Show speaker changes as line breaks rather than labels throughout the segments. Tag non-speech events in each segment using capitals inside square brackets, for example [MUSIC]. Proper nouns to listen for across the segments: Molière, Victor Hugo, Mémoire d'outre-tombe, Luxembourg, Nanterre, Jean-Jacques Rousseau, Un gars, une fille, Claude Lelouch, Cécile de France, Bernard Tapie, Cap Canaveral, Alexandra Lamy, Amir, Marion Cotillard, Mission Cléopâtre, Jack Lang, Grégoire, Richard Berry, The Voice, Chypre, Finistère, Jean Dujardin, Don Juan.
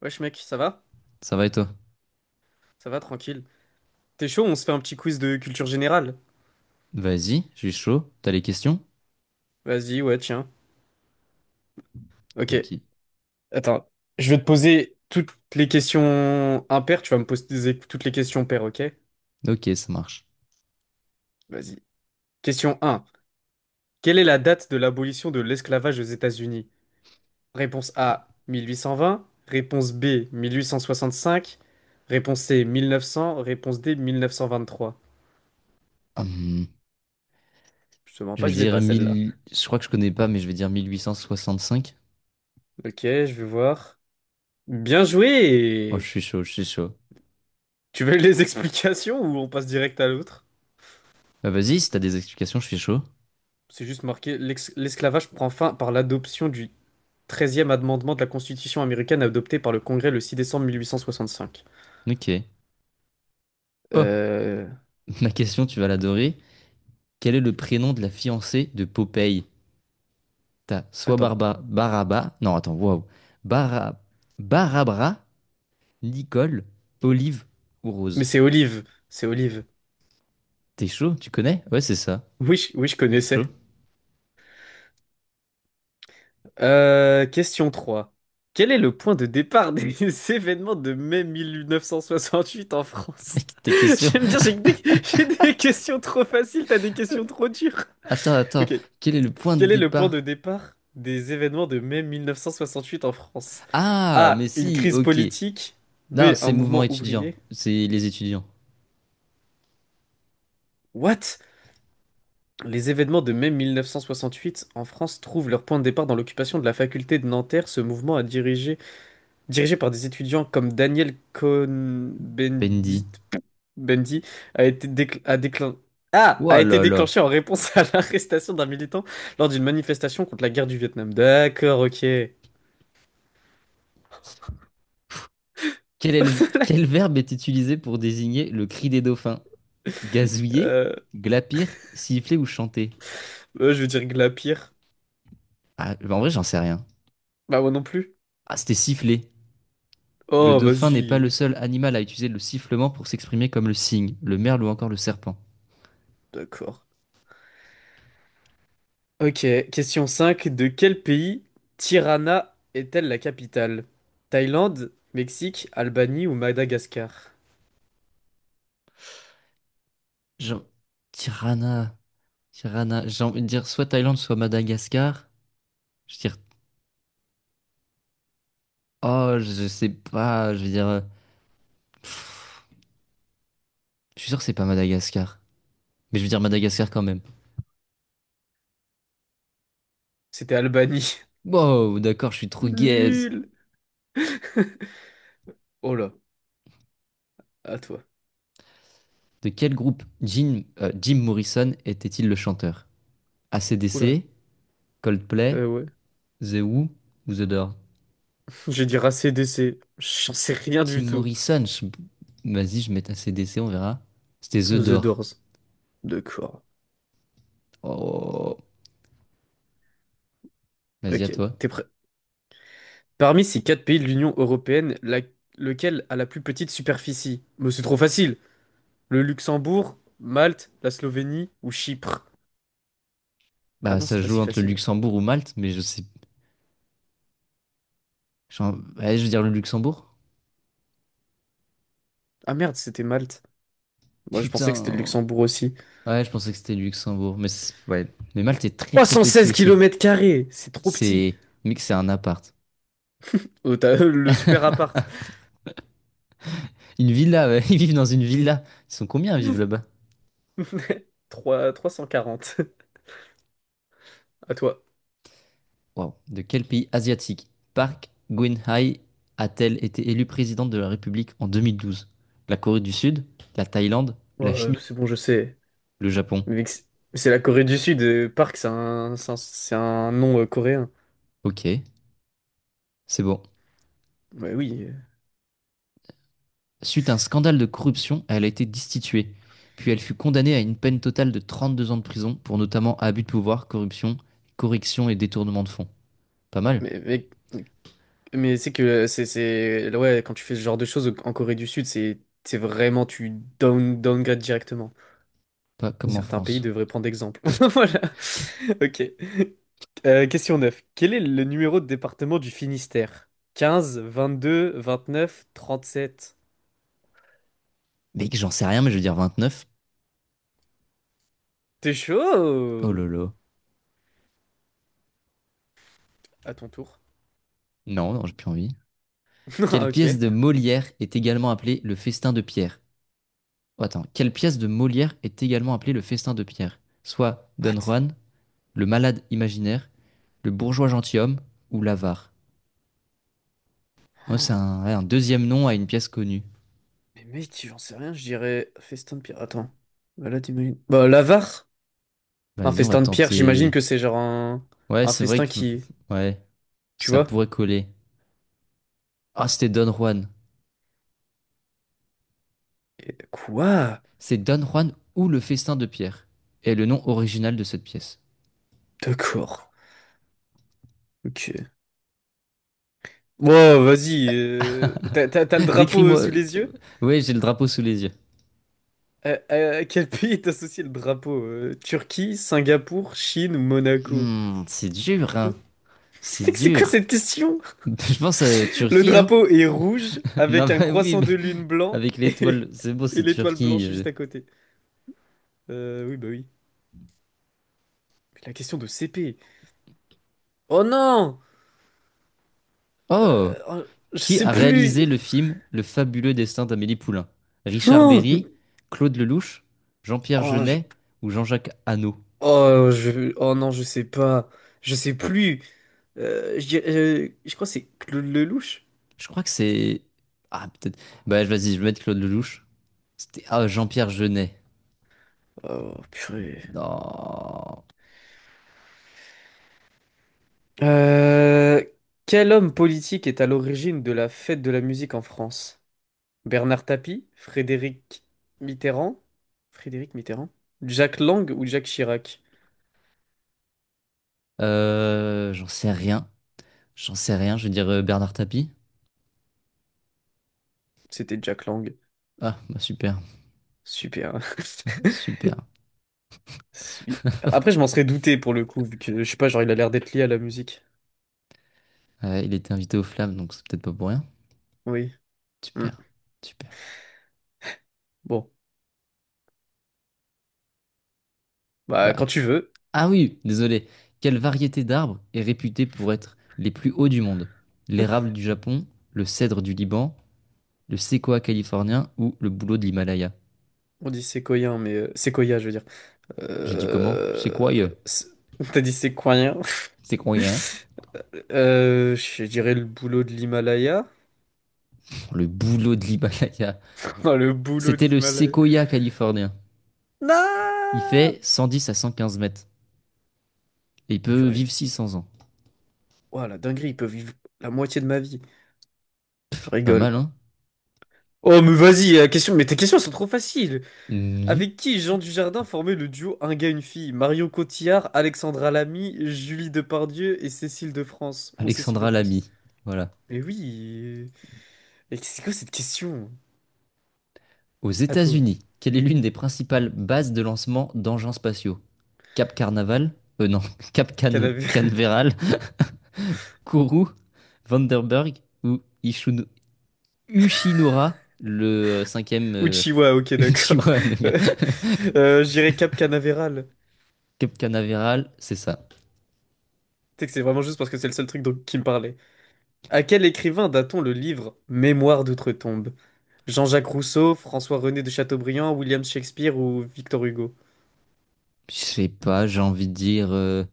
Wesh mec, ça va?
Ça va et toi?
Ça va, tranquille. T'es chaud, on se fait un petit quiz de culture générale?
Vas-y, je suis chaud. T'as les questions?
Vas-y, ouais, tiens. Ok,
Ok.
attends. Je vais te poser toutes les questions impaires, tu vas me poser toutes les questions paires, ok?
Ok, ça marche.
Vas-y. Question un. Quelle est la date de l'abolition de l'esclavage aux États-Unis? Réponse A, 1820. Réponse B, 1865. Réponse C, 1900. Réponse D, 1923.
Hum,
Je te mens
je
pas,
vais
je l'ai
dire
pas celle-là.
1000. Je crois que je connais pas, mais je vais dire 1865.
Ok, je vais voir. Bien
Oh, je
joué!
suis chaud, je suis chaud.
Tu veux les explications ou on passe direct à l'autre?
Bah vas-y, si t'as des explications, je suis chaud.
C'est juste marqué l'esclavage prend fin par l'adoption du treizième amendement de la Constitution américaine adopté par le Congrès le 6 décembre 1865.
Ok. Oh,
Euh...
[LAUGHS] ma question, tu vas l'adorer. Quel est le prénom de la fiancée de Popeye? T'as soit
Attends.
Non, attends, waouh. Bara... Barabra, Nicole, Olive ou
Mais
Rose.
c'est Olive. C'est Olive.
T'es chaud, tu connais? Ouais, c'est ça.
Oui, oui, je
T'es chaud?
connaissais. Question 3. Quel est le point de départ des [LAUGHS] événements de mai 1968 en
[LAUGHS]
France?
Mec, tes
[LAUGHS]
questions...
J'aime bien, j'ai des questions trop faciles, t'as des questions trop dures.
Attends,
Ok.
quel est le point de
Quel est le point de
départ?
départ des événements de mai 1968 en France?
Ah, mais
A. Une
si,
crise
ok.
politique. B.
Non,
Un
c'est mouvement
mouvement
étudiant.
ouvrier.
C'est les étudiants.
What? Les événements de mai 1968 en France trouvent leur point de départ dans l'occupation de la faculté de Nanterre. Ce mouvement dirigé par des étudiants comme Daniel
Bendy.
Cohn-Bendit, Bendy, a été décl- a déclin- a
Ouah
été
là là.
déclenché en réponse à l'arrestation d'un militant lors d'une manifestation contre la guerre du Vietnam. D'accord, ok.
Quel
[LAUGHS]
verbe est utilisé pour désigner le cri des dauphins? Gazouiller,
Euh,
glapir, siffler ou chanter?
Je veux dire Glapir.
Ah, bah en vrai, j'en sais rien.
Bah moi non plus.
Ah, c'était siffler. Le
Oh,
dauphin n'est pas le
vas-y.
seul animal à utiliser le sifflement pour s'exprimer comme le cygne, le merle ou encore le serpent.
D'accord. Ok, question 5. De quel pays Tirana est-elle la capitale? Thaïlande, Mexique, Albanie ou Madagascar?
Jean... Tirana. Tirana. J'ai envie de dire soit Thaïlande, soit Madagascar. Je dis, oh, je sais pas, je veux dire, pff, je suis sûr que c'est pas Madagascar. Mais je veux dire Madagascar quand même.
C'était Albanie.
Wow, d'accord, je suis trop
[LAUGHS]
gaze.
Nul. Oh là, à toi.
De quel groupe Jim Morrison était-il le chanteur?
Oula.
AC/DC, Coldplay,
Ouais.
The Who ou The Door?
[LAUGHS] Je vais dire ACDC. J'en sais rien
Jim
du tout.
Morrison, je- Vas-y, je mets AC/DC, on verra. C'était The
The
Door.
Doors. D'accord.
Oh, vas-y, à
Ok,
toi.
t'es prêt. Parmi ces quatre pays de l'Union européenne, lequel a la plus petite superficie? Mais c'est trop facile. Le Luxembourg, Malte, la Slovénie ou Chypre? Ah
Bah,
non,
ça
c'est
se
pas
joue
si
entre le
facile.
Luxembourg ou Malte, mais je sais. Genre, ouais, je veux dire le Luxembourg.
Ah merde, c'était Malte. Moi, je pensais que c'était le
Putain.
Luxembourg aussi.
Ouais, je pensais que c'était le Luxembourg, ouais. Mais Malte est très très
316
petit aussi.
km carrés, c'est trop petit.
C'est, mec, c'est un appart.
Oh, t'as [LAUGHS] le super
[LAUGHS]
appart.
Une villa, ouais. Ils vivent dans une villa. Ils sont combien à vivre là-bas?
[LAUGHS] 3, 340. À toi.
Waouh. De quel pays asiatique Park Geun-hye a-t-elle été élue présidente de la République en 2012? La Corée du Sud, la Thaïlande,
Ouais,
la Chine ou
c'est bon, je sais.
le Japon.
Mais c'est la Corée du Sud. Park, c'est un nom coréen.
Ok, c'est bon.
Ouais, oui.
Suite à un scandale de corruption, elle a été destituée. Puis elle fut condamnée à une peine totale de 32 ans de prison pour notamment abus de pouvoir, corruption, correction et détournement de fonds. Pas mal?
Mais, mais, mais c'est que ouais, quand tu fais ce genre de choses en Corée du Sud, c'est vraiment, tu downgrade directement.
Pas comme en
Certains pays
France.
devraient prendre exemple. [LAUGHS] Voilà.
[LAUGHS]
Ok. Question 9. Quel est le numéro de département du Finistère? 15, 22, 29, 37.
Mec, j'en sais rien, mais je veux dire 29.
T'es
Oh
chaud?
lolo.
À ton tour.
Non, non, j'ai plus envie.
[LAUGHS]
Quelle
Ah, ok.
pièce de Molière est également appelée le festin de Pierre? Oh, attends, quelle pièce de Molière est également appelée le festin de Pierre? Soit Don
What?
Juan, le malade imaginaire, le bourgeois gentilhomme ou l'avare. Oh, c'est un, ouais, un deuxième nom à une pièce connue.
Mais mec, j'en sais rien, je dirais festin de pierre. Attends. Bah là, t'imagines. Bah, l'avare. Un
Vas-y, on va
festin de pierre, j'imagine
tenter.
que c'est genre
Ouais,
un
c'est vrai
festin
que
qui.
ouais,
Tu
ça
vois?
pourrait coller. Ah, c'était Don Juan.
Quoi?
C'est Don Juan ou le festin de Pierre. Et le nom original de cette pièce.
D'accord. Ok. Bon, vas-y. T'as le
[LAUGHS]
drapeau
Décris-moi.
sous les yeux?
Ouais, j'ai le drapeau sous les yeux.
À quel pays est associé le drapeau? Turquie, Singapour, Chine ou Monaco?
Hmm, c'est dur,
[LAUGHS]
hein. C'est
Mec, c'est quoi
dur.
cette question?
[LAUGHS] Je pense à
Le
Turquie, hein.
drapeau est rouge
[LAUGHS] Non,
avec un
bah oui,
croissant
mais
de lune blanc
avec
et,
l'étoile, c'est beau,
[LAUGHS] et
c'est
l'étoile
Turquie.
blanche
euh.
juste à côté. Oui, bah oui. Mais la question de CP. Oh non!
Oh!
Oh, je
Qui
sais
a réalisé
plus.
le film Le fabuleux destin d'Amélie Poulain?
[LAUGHS]
Richard
Oh,
Berry, Claude Lelouch, Jean-Pierre
oh,
Jeunet ou Jean-Jacques Hano?
oh non, je sais pas. Je sais plus. Je crois que c'est Claude Lelouch.
Je crois que c'est... Ah, peut-être... Bah, vas-y, je vais mettre Claude Lelouch. C'était... Ah, Jean-Pierre Jeunet.
Oh purée.
Non.
Euh, Quel homme politique est à l'origine de la fête de la musique en France? Bernard Tapie, Mitterrand, Frédéric Mitterrand, Jack Lang ou Jacques Chirac?
J'en sais rien. J'en sais rien, je vais dire Bernard Tapie.
C'était Jack Lang.
Ah, bah super,
Super. [LAUGHS]
super.
Super. Après, je m'en serais douté pour le coup, vu que je sais pas, genre il a l'air d'être lié à la musique.
Il était invité aux Flammes, donc c'est peut-être pas pour rien.
Oui. Hmm.
Super, super.
Bon, bah
Bah,
quand tu veux.
Ah oui, désolé. Quelle variété d'arbres est réputée pour être les plus hauts du monde? L'érable du Japon, le cèdre du Liban, le séquoia californien ou le bouleau de l'Himalaya?
On dit séquoien, mais séquoia, je veux dire.
J'ai dit comment?
Euh...
Séquoia.
c'est- T'as dit séquoien? [LAUGHS]
Séquoia, hein.
Je dirais le boulot de l'Himalaya.
Le bouleau de l'Himalaya.
[LAUGHS] Comment le boulot de
C'était le
l'Himalaya?
séquoia californien. Il
Non!
fait 110 à 115 mètres. Et il peut vivre
Purée.
600 ans.
Ouah, la dinguerie, ils peuvent vivre la moitié de ma vie. Je
Pas mal,
rigole.
hein?
Oh, mais vas-y, la question... mais tes questions elles sont trop faciles.
Mhm.
Avec qui Jean Dujardin formait le duo Un gars, une fille? Marion Cotillard, Alexandra Lamy, Julie Depardieu et Cécile de France. Ou Cécile de
Alexandra
France.
Lamy. Voilà.
Mais oui. Mais c'est quoi cette question?
Aux
À toi.
États-Unis, quelle est l'une des principales bases de lancement d'engins spatiaux? Cap Carnaval, non, [LAUGHS] Cap Can
Canavé... [LAUGHS]
Canaveral, Kourou, Vandenberg ou Uchinura, le cinquième
Uchiwa, ok,
[LAUGHS]
d'accord.
Uchiwa. Le
[LAUGHS]
gars.
Je dirais Cap Canaveral.
[LAUGHS] Cap Canaveral, c'est ça.
Sais que c'est vraiment juste parce que c'est le seul truc qui me parlait. À quel écrivain date-t-on le livre Mémoire d'outre-tombe? Jean-Jacques Rousseau, François-René de Chateaubriand, William Shakespeare ou Victor Hugo?
Je sais pas, j'ai envie de dire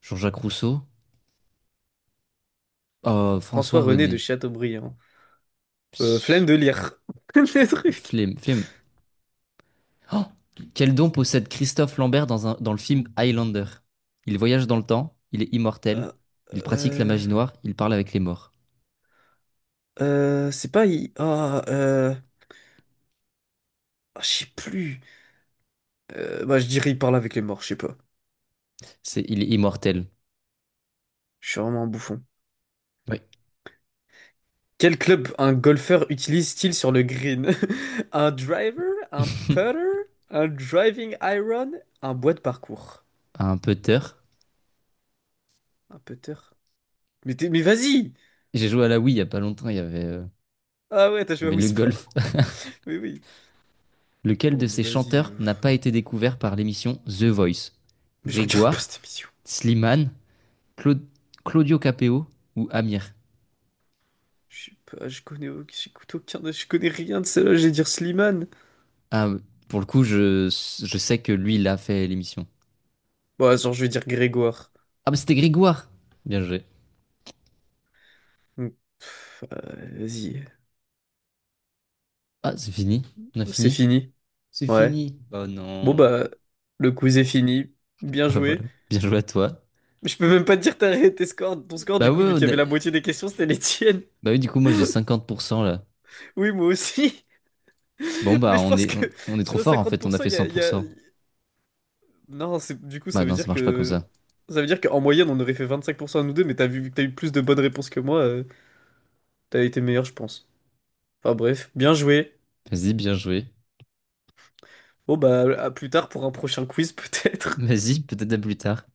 Jean-Jacques Rousseau. Oh, François
François-René de
René.
Chateaubriand.
Pss,
Flemme de lire. [LAUGHS] Des trucs.
flemme, flemme. Oh, quel don possède Christophe Lambert dans le film Highlander? Il voyage dans le temps, il est immortel,
Euh,
il pratique la
euh,
magie noire, il parle avec les morts.
c'est pas... ah, je sais plus. Bah, je dirais il parle avec les morts, je sais pas.
C'est, il est immortel.
Je suis vraiment un bouffon.
Oui.
Quel club un golfeur utilise-t-il sur le green? [LAUGHS] Un driver? Un
[LAUGHS]
putter? Un driving iron? Un bois de parcours?
Un putter.
Un putter? Mais, mais vas-y!
J'ai joué à la Wii il y a pas longtemps,
Ah ouais, t'as
il y
joué à
avait
Wii
le golf.
Sport. [LAUGHS] Oui, oui.
[LAUGHS] Lequel
Oh,
de
mais
ces
vas-y.
chanteurs n'a pas été découvert par l'émission The Voice?
Mais je regarde pas
Grégoire,
cette émission.
Slimane, Clau- Claudio Capeo ou Amir?
Je sais pas, j'écoute aucun, je connais rien de celle-là, je vais dire Slimane.
Ah, pour le coup, je sais que lui, il a fait l'émission.
Bon, attends, je vais dire Grégoire.
Ah, mais c'était Grégoire! Bien joué.
Hmm. Vas-y,
Ah, c'est fini. On a
c'est
fini.
fini.
C'est
Ouais.
fini. Oh
Bon,
non. [LAUGHS]
bah, le quiz est fini. Bien
Bah voilà.
joué.
Bien joué à toi.
Mais je peux même pas te dire tes scores, ton score
Bah
du coup,
ouais,
vu qu'il y
on a-
avait la moitié des questions, c'était les tiennes. [LAUGHS]
Bah oui, du coup, moi j'ai 50% là.
Oui, moi aussi. [LAUGHS]
Bon
Mais
bah
je
on
pense
est
que
on est
sur
trop
les
fort en fait, on a
50%,
fait cent pour cent.
non, du coup,
Bah
ça veut
non, ça
dire
marche pas comme
que...
ça.
Ça veut dire qu'en moyenne, on aurait fait 25% à nous deux, mais t'as vu, vu que t'as eu plus de bonnes réponses que moi, t'as été meilleur, je pense. Enfin bref, bien joué.
Vas-y, bien joué.
Bon bah, à plus tard pour un prochain quiz [LAUGHS] peut-être.
Vas-y, peut-être à plus tard.